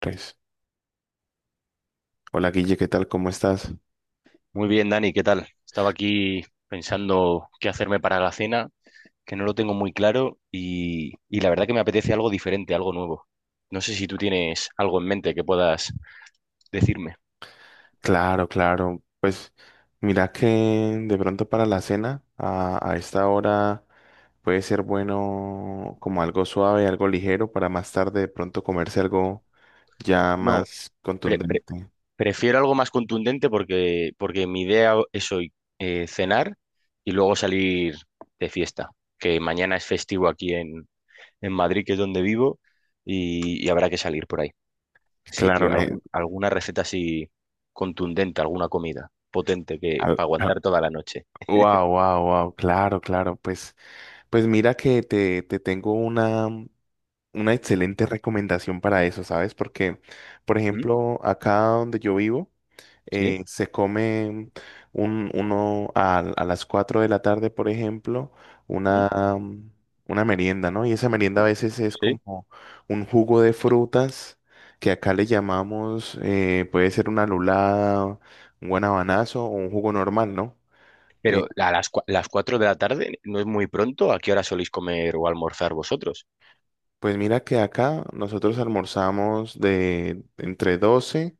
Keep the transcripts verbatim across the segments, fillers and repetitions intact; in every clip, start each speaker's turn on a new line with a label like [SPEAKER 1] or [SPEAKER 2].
[SPEAKER 1] Pues, hola Guille, ¿qué tal? ¿Cómo estás?
[SPEAKER 2] Muy bien, Dani, ¿qué tal? Estaba aquí pensando qué hacerme para la cena, que no lo tengo muy claro y, y la verdad que me apetece algo diferente, algo nuevo. No sé si tú tienes algo en mente que puedas decirme.
[SPEAKER 1] Claro, claro. Pues mira que de pronto para la cena, a, a esta hora puede ser bueno como algo suave, algo ligero, para más tarde de pronto comerse algo ya
[SPEAKER 2] No,
[SPEAKER 1] más
[SPEAKER 2] Pre- pre-
[SPEAKER 1] contundente.
[SPEAKER 2] prefiero algo más contundente porque, porque mi idea es hoy eh, cenar y luego salir de fiesta, que mañana es festivo aquí en, en Madrid, que es donde vivo, y, y habrá que salir por ahí. Así que
[SPEAKER 1] Claro, ne-
[SPEAKER 2] algún- alguna receta así contundente, alguna comida potente que
[SPEAKER 1] al-
[SPEAKER 2] para
[SPEAKER 1] al-
[SPEAKER 2] aguantar toda la noche.
[SPEAKER 1] wow, wow, wow, claro, claro. Pues, pues mira que te, te tengo una. una excelente recomendación para eso, ¿sabes? Porque, por
[SPEAKER 2] ¿Mm?
[SPEAKER 1] ejemplo, acá donde yo vivo,
[SPEAKER 2] ¿Sí?
[SPEAKER 1] eh, se come un, uno a, a las cuatro de la tarde, por ejemplo,
[SPEAKER 2] ¿Mm?
[SPEAKER 1] una, mm, una merienda, ¿no? Y esa merienda a veces es
[SPEAKER 2] ¿Sí?
[SPEAKER 1] como un jugo de frutas que acá le llamamos, eh, puede ser una lulada, un guanabanazo o un jugo normal, ¿no?
[SPEAKER 2] Pero
[SPEAKER 1] Eh,
[SPEAKER 2] a las, cua- las cuatro de la tarde no es muy pronto. ¿A qué hora soléis comer o almorzar vosotros?
[SPEAKER 1] pues mira que acá nosotros almorzamos de entre doce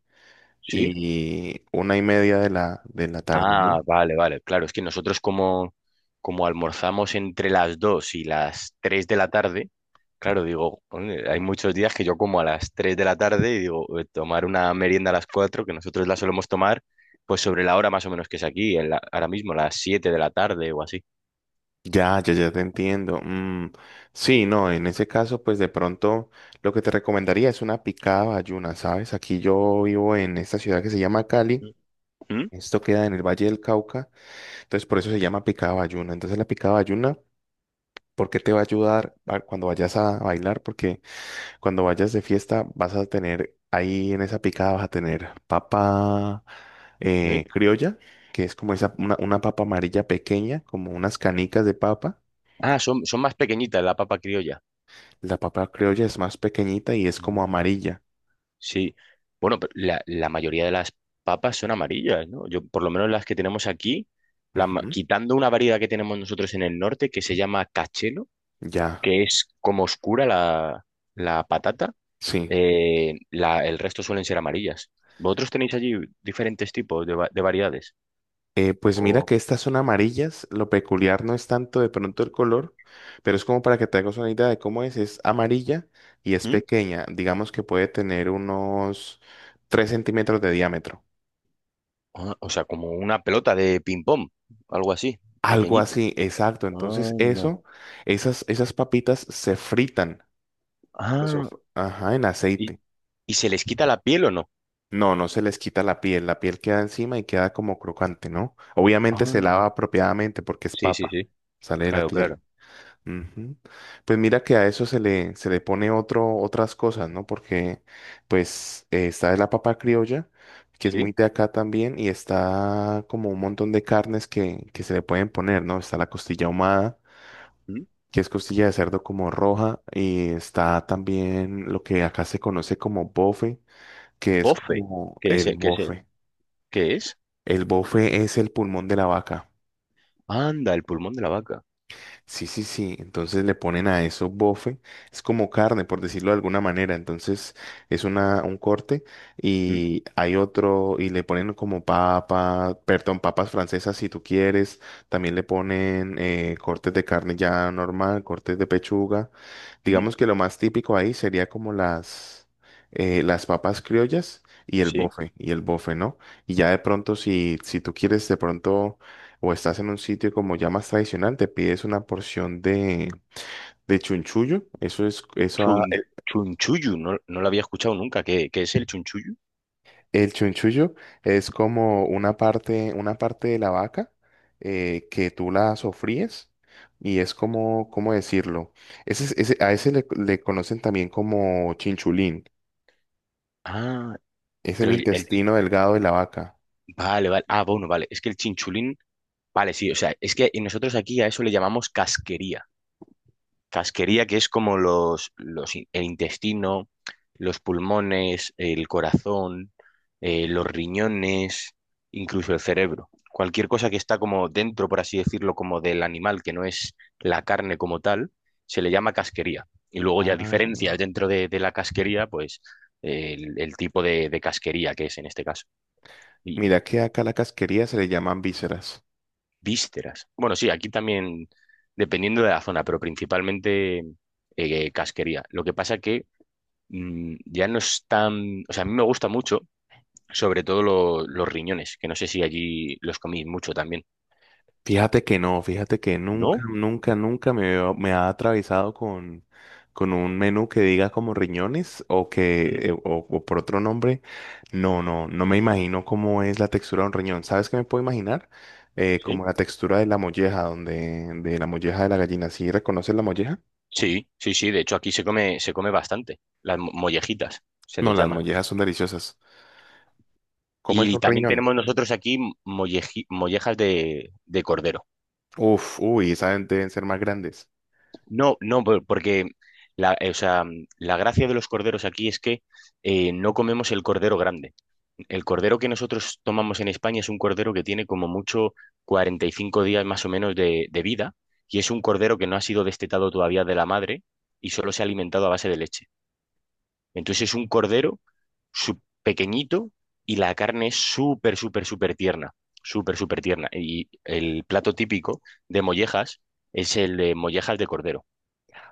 [SPEAKER 2] ¿Sí?
[SPEAKER 1] y una y media de la, de la tarde, ¿no?
[SPEAKER 2] Ah, vale, vale. Claro, es que nosotros como, como almorzamos entre las dos y las tres de la tarde, claro, digo, "Joder, hay muchos días que yo como a las tres de la tarde y digo, eh, tomar una merienda a las cuatro, que nosotros la solemos tomar, pues sobre la hora más o menos que es aquí, en la- ahora mismo, las siete de la tarde o así.
[SPEAKER 1] Ya, ya, ya te entiendo. Mm, sí, no, en ese caso, pues de pronto lo que te recomendaría es una picada bayuna, ¿sabes? Aquí yo vivo en esta ciudad que se llama Cali.
[SPEAKER 2] ¿Mm? ¿Mm?
[SPEAKER 1] Esto queda en el Valle del Cauca, entonces por eso se llama picada bayuna. Entonces la picada bayuna, ¿por qué te va a ayudar a- cuando vayas a bailar? Porque cuando vayas de fiesta, vas a tener ahí en esa picada, vas a tener papa eh, criolla, que es como
[SPEAKER 2] ¿Sí?
[SPEAKER 1] esa, una, una papa amarilla pequeña, como unas canicas de papa.
[SPEAKER 2] Ah, son, son más pequeñitas la papa criolla.
[SPEAKER 1] La papa criolla es más pequeñita y es como amarilla.
[SPEAKER 2] Sí, bueno, pero la, la mayoría de las papas son amarillas, ¿no? Yo, por lo menos las que tenemos aquí, la ma-
[SPEAKER 1] Ujú,
[SPEAKER 2] quitando una variedad que tenemos nosotros en el norte que se llama cachelo,
[SPEAKER 1] ya,
[SPEAKER 2] que es como oscura la, la patata,
[SPEAKER 1] sí.
[SPEAKER 2] eh, la- el resto suelen ser amarillas. ¿Vosotros tenéis allí diferentes tipos de, va- de variedades?
[SPEAKER 1] Eh, pues mira
[SPEAKER 2] O,
[SPEAKER 1] que estas son amarillas. Lo peculiar no es tanto de pronto el color, pero es como para que te hagas una idea de cómo es. Es amarilla y es
[SPEAKER 2] ¿mm?
[SPEAKER 1] pequeña. Digamos que puede tener unos tres centímetros de diámetro.
[SPEAKER 2] Ah, o sea, como una pelota de ping-pong, algo así,
[SPEAKER 1] Algo
[SPEAKER 2] pequeñito.
[SPEAKER 1] así, exacto. Entonces
[SPEAKER 2] Anda.
[SPEAKER 1] eso, esas, esas papitas se fritan. Eso,
[SPEAKER 2] Ah,
[SPEAKER 1] fr- ajá, en
[SPEAKER 2] ¿y,
[SPEAKER 1] aceite.
[SPEAKER 2] y se les quita la piel o no?
[SPEAKER 1] No, no se les quita la piel. La piel queda encima y queda como crocante, ¿no? Obviamente se lava
[SPEAKER 2] Anda.
[SPEAKER 1] apropiadamente porque es
[SPEAKER 2] Sí, sí,
[SPEAKER 1] papa.
[SPEAKER 2] sí.
[SPEAKER 1] Sale de la
[SPEAKER 2] Claro,
[SPEAKER 1] tierra.
[SPEAKER 2] claro.
[SPEAKER 1] Ujú. Pues mira que a eso se le, se le pone otro, otras cosas, ¿no? Porque pues eh, está la papa criolla, que es muy
[SPEAKER 2] ¿Sí?
[SPEAKER 1] de acá también, y está como un montón de carnes que, que se le pueden poner, ¿no? Está la costilla ahumada
[SPEAKER 2] ¿Mm?
[SPEAKER 1] que es costilla de cerdo como roja, y está también lo que acá se conoce como bofe, que es
[SPEAKER 2] Bofe,
[SPEAKER 1] como
[SPEAKER 2] que es,
[SPEAKER 1] el
[SPEAKER 2] el- que es, el-
[SPEAKER 1] bofe.
[SPEAKER 2] que es,
[SPEAKER 1] El bofe es el pulmón de la vaca.
[SPEAKER 2] anda, el pulmón de la vaca.
[SPEAKER 1] Sí, sí, sí. Entonces le ponen a eso bofe. Es como carne, por decirlo de alguna manera. Entonces es una, un corte
[SPEAKER 2] ¿Mm?
[SPEAKER 1] y hay otro y le ponen como papa, perdón, papas francesas si tú quieres. También le ponen eh, cortes de carne ya normal, cortes de pechuga.
[SPEAKER 2] ¿Mm?
[SPEAKER 1] Digamos que lo más típico ahí sería como las, eh, las papas criollas y el
[SPEAKER 2] ¿Sí?
[SPEAKER 1] bofe, y el bofe, ¿no? Y ya de pronto si, si tú quieres de pronto o estás en un sitio como ya más tradicional, te pides una porción de, de chunchullo. Eso es, eso, a-
[SPEAKER 2] Chun,
[SPEAKER 1] el,
[SPEAKER 2] chunchullu, no, no lo había escuchado nunca. ¿Qué, qué es el chunchullu?
[SPEAKER 1] el chunchullo es como una parte, una parte de la vaca eh, que tú la sofríes y es como, ¿cómo decirlo? Ese, es- ese, a ese le, le conocen también como chinchulín.
[SPEAKER 2] Ah,
[SPEAKER 1] Es el
[SPEAKER 2] pero el, el-
[SPEAKER 1] intestino delgado de la vaca.
[SPEAKER 2] vale, vale. Ah, bueno, vale. Es que el chinchulín, vale, sí, o sea, es que nosotros aquí a eso le llamamos casquería. Casquería, que es como los, los, in- el intestino, los pulmones, el corazón, eh, los riñones, incluso el cerebro. Cualquier cosa que está como dentro, por así decirlo, como del animal, que no es la carne como tal, se le llama casquería. Y luego ya diferencia
[SPEAKER 1] Ah.
[SPEAKER 2] dentro de, de la casquería, pues eh, el, el tipo de, de casquería que es en este caso. Y
[SPEAKER 1] Mira que acá a la casquería se le llaman vísceras.
[SPEAKER 2] vísceras. Bueno, sí, aquí también, dependiendo de la zona, pero principalmente eh, casquería. Lo que pasa que mm, ya no es tan... O sea, a mí me gusta mucho, sobre todo lo- los riñones, que no sé si allí los coméis mucho también.
[SPEAKER 1] Fíjate que no, fíjate que nunca,
[SPEAKER 2] ¿No?
[SPEAKER 1] nunca, nunca me, veo- me ha atravesado con, con un menú que diga como riñones o que
[SPEAKER 2] Mm.
[SPEAKER 1] eh, o, o por otro nombre. No, no, no me imagino cómo es la textura de un riñón. ¿Sabes qué me puedo imaginar? Eh,
[SPEAKER 2] Sí.
[SPEAKER 1] como la textura de la molleja, donde, de la molleja de la gallina. ¿Sí reconoces la molleja?
[SPEAKER 2] Sí, sí, sí. De hecho, aquí se come, se come bastante. Las mo- mollejitas, se
[SPEAKER 1] No,
[SPEAKER 2] les
[SPEAKER 1] las
[SPEAKER 2] llama.
[SPEAKER 1] mollejas son deliciosas. ¿Cómo es
[SPEAKER 2] Y
[SPEAKER 1] un
[SPEAKER 2] también
[SPEAKER 1] riñón?
[SPEAKER 2] tenemos nosotros aquí molleji- mollejas de, de cordero.
[SPEAKER 1] Uf, uy, esas deben ser más grandes.
[SPEAKER 2] No, no, por- porque la, eh, o sea, la gracia de los corderos aquí es que eh, no comemos el cordero grande. El cordero que nosotros tomamos en España es un cordero que tiene como mucho cuarenta y cinco días más o menos de, de vida y es un cordero que no ha sido destetado todavía de la madre y solo se ha alimentado a base de leche. Entonces es un cordero su- pequeñito y la carne es súper, súper, súper tierna, súper, súper tierna. Y el plato típico de mollejas es el de mollejas de cordero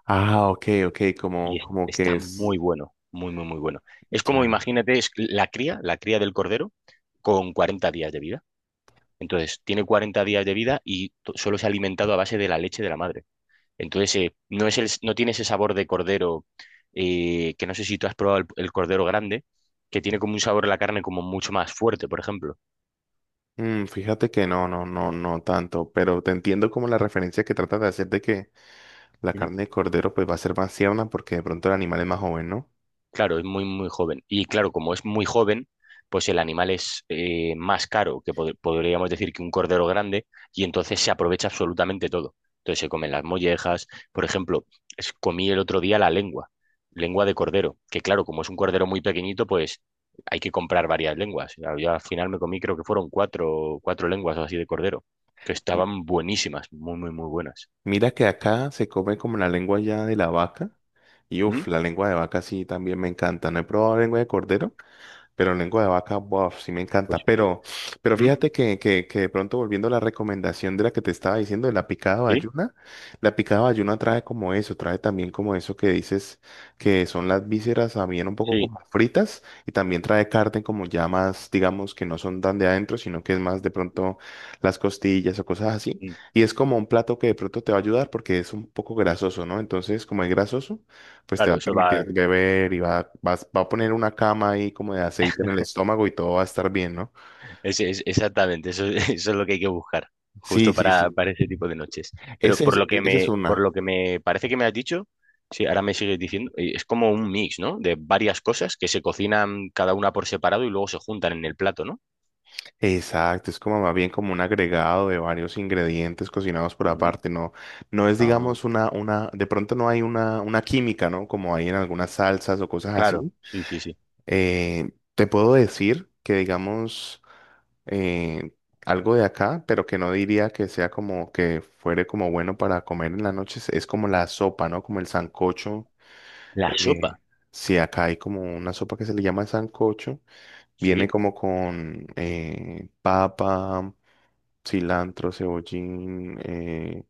[SPEAKER 1] Ah, ok, ok, como,
[SPEAKER 2] y es-
[SPEAKER 1] como
[SPEAKER 2] está
[SPEAKER 1] que es.
[SPEAKER 2] muy bueno, muy, muy, muy bueno. Es como,
[SPEAKER 1] Ya.
[SPEAKER 2] imagínate, es la cría, la cría del cordero con cuarenta días de vida. Entonces, tiene cuarenta días de vida y to- solo se ha alimentado a base de la leche de la madre. Entonces, eh, no es el, no tiene ese sabor de cordero, eh, que no sé si tú has probado el, el cordero grande, que tiene como un sabor a la carne como mucho más fuerte, por ejemplo.
[SPEAKER 1] Mm, fíjate que no, no, no, no tanto, pero te entiendo como la referencia que trata de hacer de que la carne de cordero pues va a ser más tierna porque de pronto el animal es más joven, ¿no?
[SPEAKER 2] Claro, es muy, muy joven. Y claro, como es muy joven, pues el animal es eh, más caro que pod- podríamos decir que un cordero grande y entonces se aprovecha absolutamente todo. Entonces se comen las mollejas. Por ejemplo, es- comí el otro día la lengua, lengua de cordero, que claro, como es un cordero muy pequeñito, pues hay que comprar varias lenguas. Yo al final me comí, creo que fueron cuatro, cuatro lenguas o así de cordero, que
[SPEAKER 1] M-
[SPEAKER 2] estaban buenísimas, muy, muy, muy buenas.
[SPEAKER 1] Mira que acá se come como la lengua ya de la vaca y uff,
[SPEAKER 2] ¿Mm?
[SPEAKER 1] la lengua de vaca sí también me encanta. No he probado lengua de cordero. Pero lengua de vaca, bof, sí me
[SPEAKER 2] Pues,
[SPEAKER 1] encanta. Pero, pero
[SPEAKER 2] ¿mm?
[SPEAKER 1] fíjate que, que, que de pronto volviendo a la recomendación de la que te estaba diciendo, de la picada
[SPEAKER 2] ¿Sí?
[SPEAKER 1] bayuna, la picada bayuna trae como eso, trae también como eso que dices que son las vísceras también un poco
[SPEAKER 2] Sí.
[SPEAKER 1] como fritas y también trae carne como ya más, digamos, que no son tan de adentro, sino que es más de pronto las costillas o cosas así.
[SPEAKER 2] Mm.
[SPEAKER 1] Y es como un plato que de pronto te va a ayudar porque es un poco grasoso, ¿no? Entonces, como es grasoso pues te va
[SPEAKER 2] Claro,
[SPEAKER 1] a
[SPEAKER 2] eso
[SPEAKER 1] permitir
[SPEAKER 2] va.
[SPEAKER 1] que beber y va, vas- va a poner una cama ahí como de aceite en el estómago y todo va a estar bien, ¿no?
[SPEAKER 2] Es, es- exactamente, eso, eso es lo que hay que buscar,
[SPEAKER 1] Sí,
[SPEAKER 2] justo
[SPEAKER 1] sí,
[SPEAKER 2] para,
[SPEAKER 1] sí.
[SPEAKER 2] para ese tipo de noches. Pero
[SPEAKER 1] Ese
[SPEAKER 2] por
[SPEAKER 1] es,
[SPEAKER 2] lo que
[SPEAKER 1] e- esa es
[SPEAKER 2] me, por
[SPEAKER 1] una.
[SPEAKER 2] lo que me parece que me has dicho, sí, ahora me sigues diciendo, eh, es como un mix, ¿no? De varias cosas que se cocinan cada una por separado y luego se juntan en el plato, ¿no?
[SPEAKER 1] Exacto, es como más bien como un agregado de varios ingredientes cocinados por
[SPEAKER 2] Mm.
[SPEAKER 1] aparte, ¿no? No es,
[SPEAKER 2] Ah,
[SPEAKER 1] digamos, una, una, de pronto no hay una, una química, ¿no? Como hay en algunas salsas o cosas
[SPEAKER 2] claro,
[SPEAKER 1] así.
[SPEAKER 2] sí, sí, sí.
[SPEAKER 1] Eh, te puedo decir que digamos eh, algo de acá, pero que no diría que sea como que fuere como bueno para comer en la noche, es es como la sopa, ¿no? Como el sancocho.
[SPEAKER 2] La sopa,
[SPEAKER 1] Eh, si acá hay como una sopa que se le llama sancocho, viene
[SPEAKER 2] sí.
[SPEAKER 1] como con eh, papa, cilantro, cebollín, eh,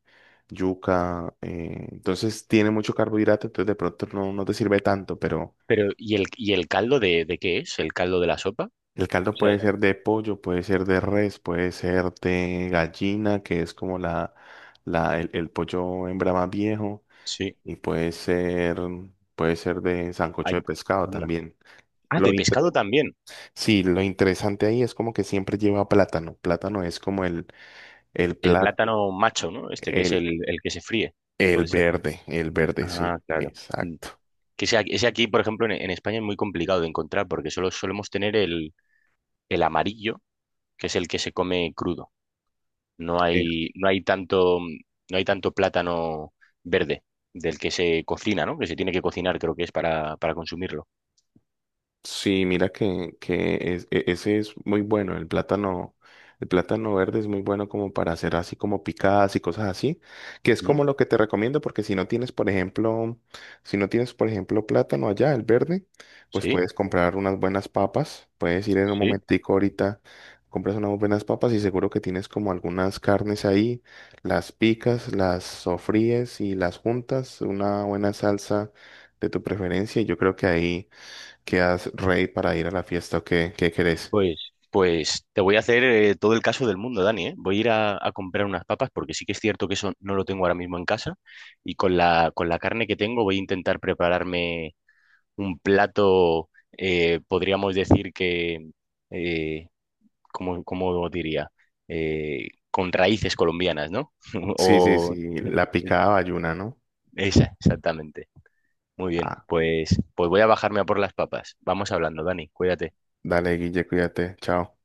[SPEAKER 1] yuca. eh, entonces tiene mucho carbohidrato, entonces de pronto no, no te sirve tanto, pero.
[SPEAKER 2] Pero, ¿y el, y el caldo de, de qué es? ¿El caldo de la sopa?
[SPEAKER 1] El caldo
[SPEAKER 2] O sea,
[SPEAKER 1] puede ser de pollo, puede ser de res, puede ser de gallina, que es como la, la, el, el pollo hembra más viejo,
[SPEAKER 2] sí.
[SPEAKER 1] y puede ser, puede ser de sancocho
[SPEAKER 2] Ay,
[SPEAKER 1] de pescado
[SPEAKER 2] anda.
[SPEAKER 1] también.
[SPEAKER 2] Ah,
[SPEAKER 1] Lo
[SPEAKER 2] de
[SPEAKER 1] inter-
[SPEAKER 2] pescado también.
[SPEAKER 1] sí, lo interesante ahí es como que siempre lleva plátano. Plátano es como el, el
[SPEAKER 2] El
[SPEAKER 1] plat,
[SPEAKER 2] plátano macho, ¿no? Este que es
[SPEAKER 1] el,
[SPEAKER 2] el, el que se fríe.
[SPEAKER 1] el
[SPEAKER 2] Puede ser.
[SPEAKER 1] verde, el verde, sí,
[SPEAKER 2] Ah, claro. Mm.
[SPEAKER 1] exacto.
[SPEAKER 2] Que ese, aquí, ese aquí, por ejemplo, en, en España es muy complicado de encontrar porque solo solemos tener el, el amarillo, que es el que se come crudo. No hay, no hay tanto, no hay tanto plátano verde del que se cocina, ¿no? Que se tiene que cocinar, creo que es para, para consumirlo.
[SPEAKER 1] Sí, mira que, que es- e- ese es muy bueno, el plátano, el plátano verde es muy bueno como para hacer así como picadas y cosas así, que es
[SPEAKER 2] Mm.
[SPEAKER 1] como lo que te recomiendo porque si no tienes, por ejemplo, si no tienes, por ejemplo, plátano allá, el verde, pues
[SPEAKER 2] Sí,
[SPEAKER 1] puedes comprar unas buenas papas, puedes ir en un
[SPEAKER 2] sí.
[SPEAKER 1] momentico ahorita, compras unas buenas papas y seguro que tienes como algunas carnes ahí, las picas, las sofríes y las juntas, una buena salsa de tu preferencia y yo creo que ahí. ¿Qué quedas rey para ir a la fiesta o qué, qué querés?
[SPEAKER 2] Pues, pues te voy a hacer eh, todo el caso del mundo, Dani, ¿eh? Voy a ir a, a comprar unas papas porque sí que es cierto que eso no lo tengo ahora mismo en casa y con la, con la carne que tengo voy a intentar prepararme un plato, eh, podríamos decir que, eh, ¿cómo, cómo diría? Eh, con raíces colombianas, ¿no?
[SPEAKER 1] Sí, sí,
[SPEAKER 2] O
[SPEAKER 1] sí, la picada bayuna, ¿no?
[SPEAKER 2] esa, exactamente. Muy bien,
[SPEAKER 1] Ah,
[SPEAKER 2] pues, pues voy a bajarme a por las papas. Vamos hablando, Dani, cuídate.
[SPEAKER 1] dale, Guille, cuídate, chao.